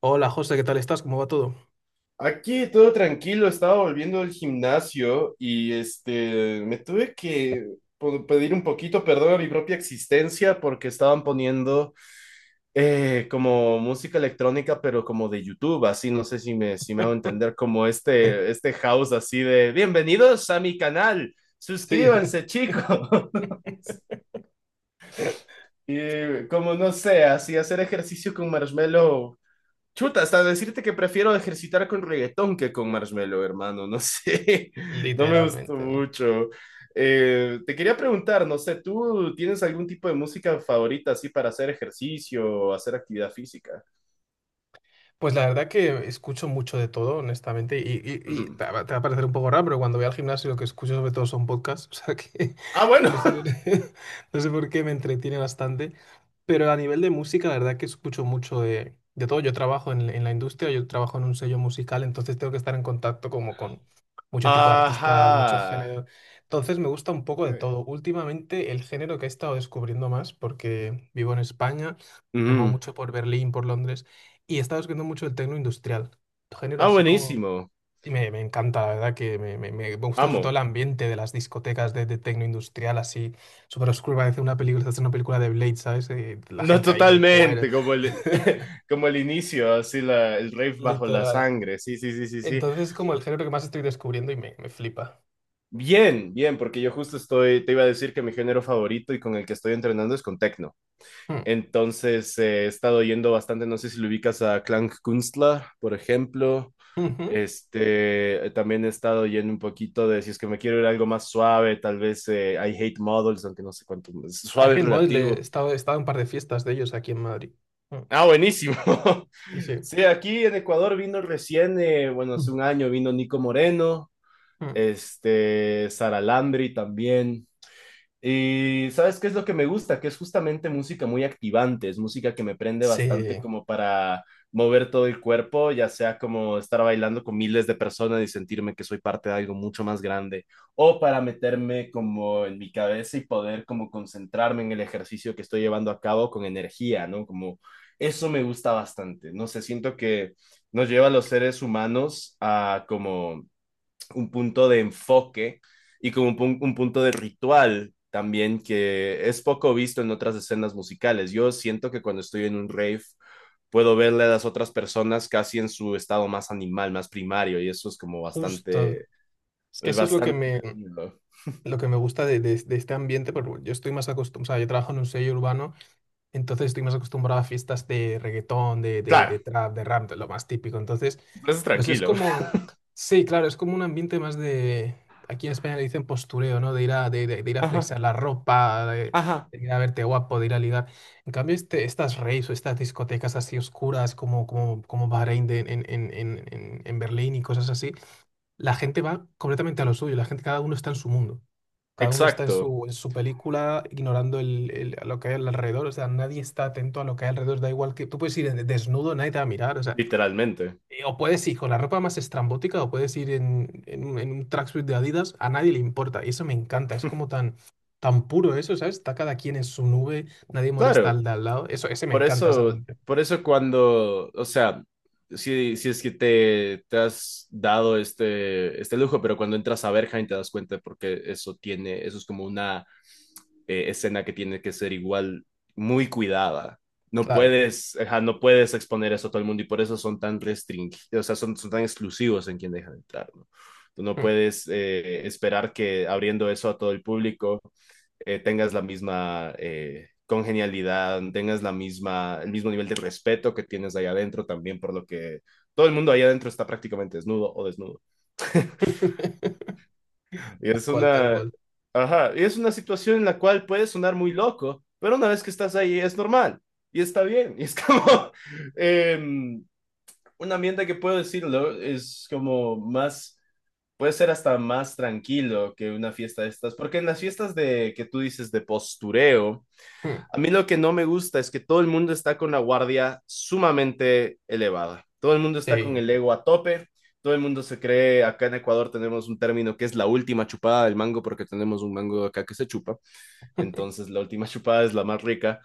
Hola José, ¿qué tal estás? ¿Cómo va todo? Aquí todo tranquilo, estaba volviendo del gimnasio y este me tuve que pedir un poquito perdón a mi propia existencia porque estaban poniendo como música electrónica, pero como de YouTube, así no sé si me hago entender, como este house así de bienvenidos a mi canal, Sí, suscríbanse chicos. Y como no sé, así hacer ejercicio con Marshmello. Chuta, hasta decirte que prefiero ejercitar con reggaetón que con Marshmello, hermano. No sé, no me gustó literalmente. mucho. Te quería preguntar, no sé, ¿tú tienes algún tipo de música favorita así para hacer ejercicio o hacer actividad física? Pues la verdad que escucho mucho de todo, honestamente, y Ujú. te va a parecer un poco raro, pero cuando voy al gimnasio lo que escucho sobre todo son podcasts, o sea que Ah, bueno. no sé por qué, no sé por qué me entretiene bastante, pero a nivel de música la verdad que escucho mucho de todo. Yo trabajo en la industria, yo trabajo en un sello musical, entonces tengo que estar en contacto como con mucho tipo de artistas, muchos Ajá. géneros, entonces me gusta un poco de Ok. todo. Últimamente el género que he estado descubriendo más, porque vivo en España, me muevo Ujú. mucho por Berlín, por Londres y estaba escuchando mucho el techno industrial, género Ah, así como... buenísimo. Y me encanta, la verdad, que me gusta sobre todo Amo. el ambiente de las discotecas de techno industrial, así súper oscuro, parece una película, es una película de Blade, ¿sabes? La No, gente ahí de coer, totalmente, como como el inicio, así el rave bajo la literal. sangre. Sí, sí, sí, sí, sí. Entonces es como el género que más estoy descubriendo y me flipa. Bien, bien, porque yo justo estoy, te iba a decir que mi género favorito y con el que estoy entrenando es con techno. Hmm. Entonces he estado yendo bastante, no sé si lo ubicas a Klangkünstler, por ejemplo. Ujú. Este, también he estado yendo un poquito de, si es que me quiero ir a algo más suave, tal vez I Hate Models, aunque no sé cuánto, A suave es Hate Mosley, relativo. He estado en un par de fiestas de ellos aquí en Madrid. Hmm. Ah, buenísimo. Sí. Sí, aquí en Ecuador vino recién, bueno, Mm. hace un año vino Nico Moreno, Mm. este, Sara Landry también. Y sabes qué es lo que me gusta, que es justamente música muy activante, es música que me prende bastante Sí, como para mover todo el cuerpo, ya sea como estar bailando con miles de personas y sentirme que soy parte de algo mucho más grande, o para meterme como en mi cabeza y poder como concentrarme en el ejercicio que estoy llevando a cabo con energía, ¿no? Como eso me gusta bastante, no sé, siento que nos lleva a los seres humanos a como un punto de enfoque y como un punto de ritual también que es poco visto en otras escenas musicales. Yo siento que cuando estoy en un rave puedo verle a las otras personas casi en su estado más animal, más primario y eso es como bastante, justo. Es que eso es lo que bastante tranquilo. lo que me gusta de este ambiente, porque yo estoy más acostumbrado, o sea, yo trabajo en un sello urbano, entonces estoy más acostumbrado a fiestas de reggaetón, de Claro, trap, de rap, de lo más típico. Entonces, pues es pues es tranquilo. como, sí, claro, es como un ambiente más de, aquí en España le dicen postureo, ¿no? De ir a Ajá, flexar la ropa, ajá. de ir a verte guapo, de ir a ligar. En cambio, estas raves o estas discotecas así oscuras como Bahrein en en Berlín y cosas así, la gente va completamente a lo suyo, la gente, cada uno está en su mundo, cada uno está en Exacto, su película, ignorando lo que hay al alrededor. O sea, nadie está atento a lo que hay alrededor, da igual, que tú puedes ir en- desnudo, nadie te va a mirar. O sea, literalmente. O puedes ir con la ropa más estrambótica, o puedes ir en un tracksuit de Adidas, a nadie le importa, y eso me encanta, es como tan puro eso, ¿sabes? Está cada quien en su nube, nadie molesta Claro. al de al lado. Eso, ese me encanta, esa mente, Por eso cuando, o sea, si es que te has dado este lujo, pero cuando entras a Berghain te das cuenta porque eso tiene, eso es como una escena que tiene que ser igual muy cuidada. No claro. puedes, ajá, no puedes exponer eso a todo el mundo y por eso son tan restringidos, o sea, son, son tan exclusivos en quien dejan entrar, ¿no? Tú no Mm. puedes esperar que abriendo eso a todo el público tengas la misma congenialidad, tengas la misma, el mismo nivel de respeto que tienes allá adentro también, por lo que todo el mundo allá adentro está prácticamente desnudo o desnudo y Tal cual, tal cual. ajá, y es una situación en la cual puede sonar muy loco, pero una vez que estás ahí es normal y está bien. Y es como em, un ambiente que puedo decirlo, es como más, puede ser hasta más tranquilo que una fiesta de estas, porque en las fiestas de que tú dices de postureo, Mm. a mí lo que no me gusta es que todo el mundo está con la guardia sumamente elevada. Todo el mundo está con Sí. el ego a tope. Todo el mundo se cree, acá en Ecuador tenemos un término que es la última chupada del mango porque tenemos un mango acá que se chupa. Entonces la última chupada es la más rica.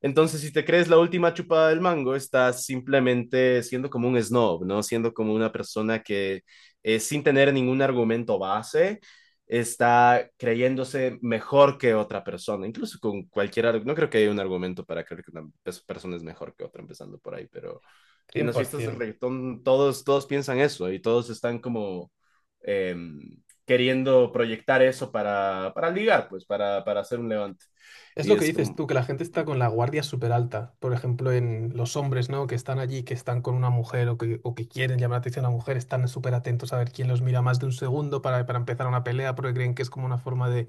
Entonces, si te crees la última chupada del mango, estás simplemente siendo como un snob, ¿no? Siendo como una persona que sin tener ningún argumento base, está creyéndose mejor que otra persona, incluso con cualquier, no creo que haya un argumento para creer que una persona es mejor que otra, empezando por ahí, pero en las fiestas de 100%. reggaetón todos piensan eso y todos están como eh, queriendo proyectar eso para ligar, pues, para hacer un levante. Es Y lo que es dices como, tú, que la gente está con la guardia súper alta. Por ejemplo, en los hombres, ¿no? Que están allí, que están con una mujer o que quieren llamar la atención a una mujer, están súper atentos a ver quién los mira más de un segundo para empezar una pelea, porque creen que es como una forma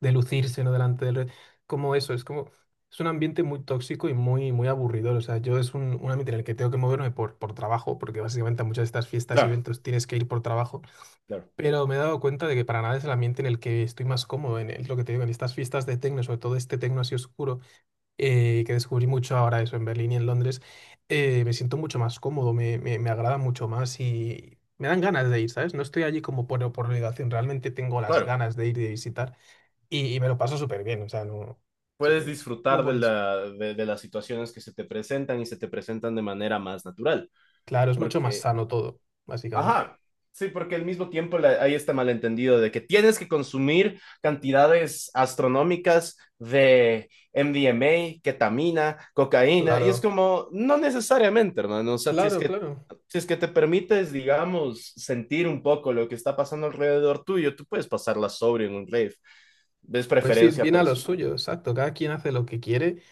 de lucirse, ¿no? Delante del... re- Como eso, es como... Es un ambiente muy tóxico y muy aburridor. O sea, yo es un ambiente en el que tengo que moverme por trabajo, porque básicamente a muchas de estas fiestas y claro, eventos tienes que ir por trabajo. claro, Pero me he dado cuenta de que para nada es el ambiente en el que estoy más cómodo, en el- lo que te digo, en estas fiestas de tecno, sobre todo este tecno así oscuro, que descubrí mucho ahora eso en Berlín y en Londres. Me siento mucho más cómodo, me agrada mucho más y me dan ganas de ir, ¿sabes? No estoy allí como por obligación, realmente tengo las claro. ganas de ir y de visitar, y me lo paso súper bien, o sea, no... Sí. Puedes Muy disfrutar bonito. De las situaciones que se te presentan y se te presentan de manera más natural, Claro, es mucho más porque sano todo, básicamente. ajá, sí, porque al mismo tiempo hay este malentendido de que tienes que consumir cantidades astronómicas de MDMA, ketamina, cocaína, y es Claro, como, no necesariamente, hermano, o sea, claro, claro. si es que te permites, digamos, sentir un poco lo que está pasando alrededor tuyo, tú puedes pasarla sobre en un rave, es Pues ir preferencia bien a lo personal. suyo, exacto. Cada quien hace lo que quiere.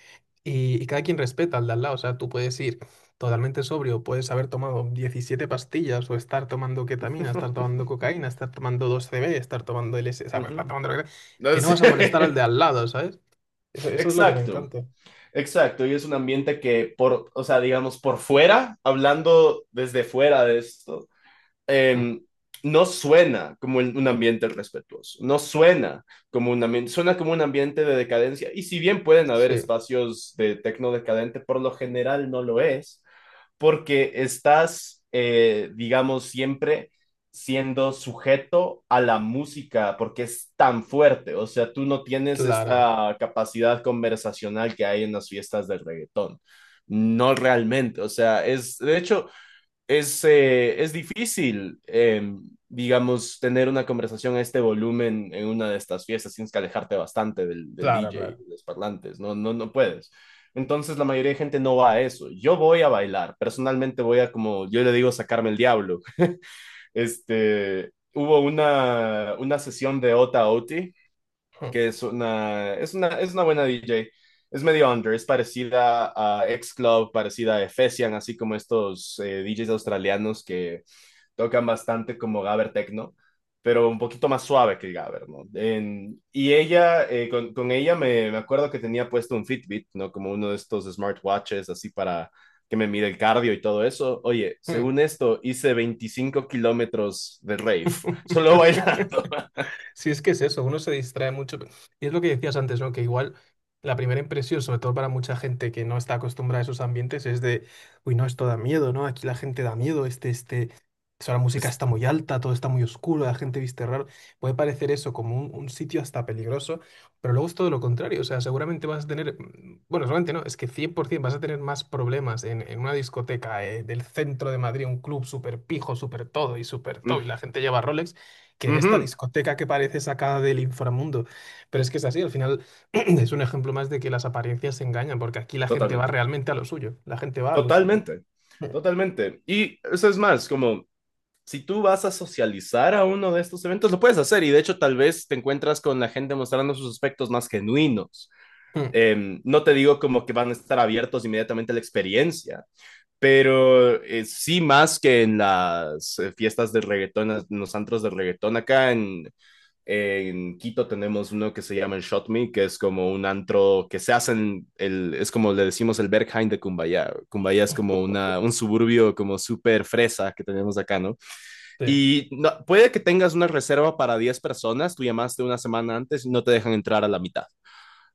Y cada quien respeta al de al lado, o sea, tú puedes ir totalmente sobrio, puedes haber tomado 17 pastillas o estar tomando ketamina, estar tomando cocaína, estar tomando 2CB, estar tomando LSD, o sea, estar Ujú. tomando lo que sea, que No no sé. vas a molestar al de al lado, ¿sabes? Eso, eso es lo que me Exacto. encanta. Exacto, y es un ambiente que por, o sea, digamos, por fuera, hablando desde fuera de esto, Mm, eh, no suena como un ambiente respetuoso, no suena como un ambiente, suena como un ambiente de decadencia, y si bien pueden haber sí, espacios de tecno decadente, por lo general no lo es, porque estás, digamos, siempre siendo sujeto a la música porque es tan fuerte, o sea, tú no tienes claro, esta capacidad conversacional que hay en las fiestas del reggaetón. No realmente, o sea, es, de hecho, es difícil, digamos, tener una conversación a este volumen en una de estas fiestas. Tienes que alejarte bastante del claro, DJ, de claro. los parlantes. No, no, no puedes. Entonces la mayoría de gente no va a eso. Yo voy a bailar. Personalmente voy a, como yo le digo, sacarme el diablo. Este, hubo una sesión de Ota Oti, Mm, que es una, es una, es una buena DJ. Es medio under, es parecida a X Club, parecida a Efesian, así como estos DJs australianos que tocan bastante como Gabber techno pero un poquito más suave que el Gabber, ¿no? Y ella, con ella me acuerdo que tenía puesto un Fitbit, ¿no? Como uno de estos smartwatches, así para que me mide el cardio y todo eso. Oye, según esto, hice 25 kilómetros de rave, mm. solo bailando. Sí, es que es eso, uno se distrae mucho. Y es lo que decías antes, ¿no? Que igual la primera impresión, sobre todo para mucha gente que no está acostumbrada a esos ambientes, es de, uy, no, esto da miedo, ¿no? Aquí la gente da miedo, eso, la música Es- está muy alta, todo está muy oscuro, la gente viste raro. Puede parecer eso como un sitio hasta peligroso, pero luego es todo lo contrario. O sea, seguramente vas a tener, mm, bueno, seguramente no, es que 100% vas a tener más problemas en una discoteca, del centro de Madrid, un club súper pijo, súper todo, mm, y la gente lleva Rolex, que en esta ujú, discoteca que parece sacada del inframundo. Pero es que es así, al final es un ejemplo más de que las apariencias se engañan, porque aquí la gente va totalmente, realmente a lo suyo, la gente va a lo suyo. totalmente, totalmente. Y eso es más, como si tú vas a socializar a uno de estos eventos, lo puedes hacer y de hecho tal vez te encuentras con la gente mostrando sus aspectos más genuinos. Mm, mm, No te digo como que van a estar abiertos inmediatamente a la experiencia, pero sí más que en las fiestas de reggaetón, en los antros de reggaetón. Acá en Quito tenemos uno que se llama el Shot Me, que es como un antro que se hace en el, es como le decimos el Berghain de Cumbayá. Cumbayá es como una, un suburbio como súper fresa que tenemos acá, ¿no? sí. Y puede que tengas una reserva para 10 personas, tú llamaste una semana antes y no te dejan entrar a la mitad.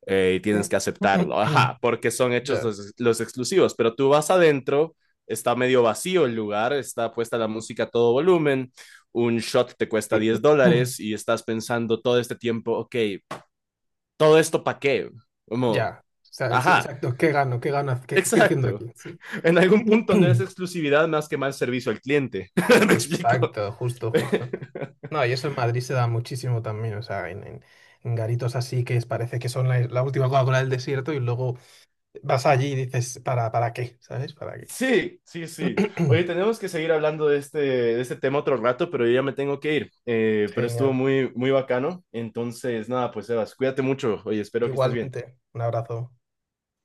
Y Mm, tienes que aceptarlo, ajá, porque son hechos ya. Los exclusivos, pero tú vas adentro, está medio vacío el lugar, está puesta la música a todo volumen, un shot te cuesta diez Mm, dólares y estás pensando todo este tiempo, ok, ¿todo esto para qué? Como, ya. O sea, sí, ajá, exacto. ¿Qué gano? ¿Qué gano? ¿Qué, qué estoy haciendo exacto. aquí? Sí. En algún punto no es exclusividad más que mal servicio al cliente. ¿Me explico? Exacto, justo, justo. No, y eso en Madrid se da muchísimo también, o sea, en garitos así que es- parece que son la última Coca-Cola del desierto y luego vas allí y dices, para qué? ¿Sabes? ¿Para qué? Sí, sí, sí. Oye, tenemos que seguir hablando de este tema otro rato, pero yo ya me tengo que ir. Pero estuvo Genial. muy, muy bacano. Entonces, nada, pues Sebas, cuídate mucho. Oye, espero que estés bien. Igualmente, un abrazo.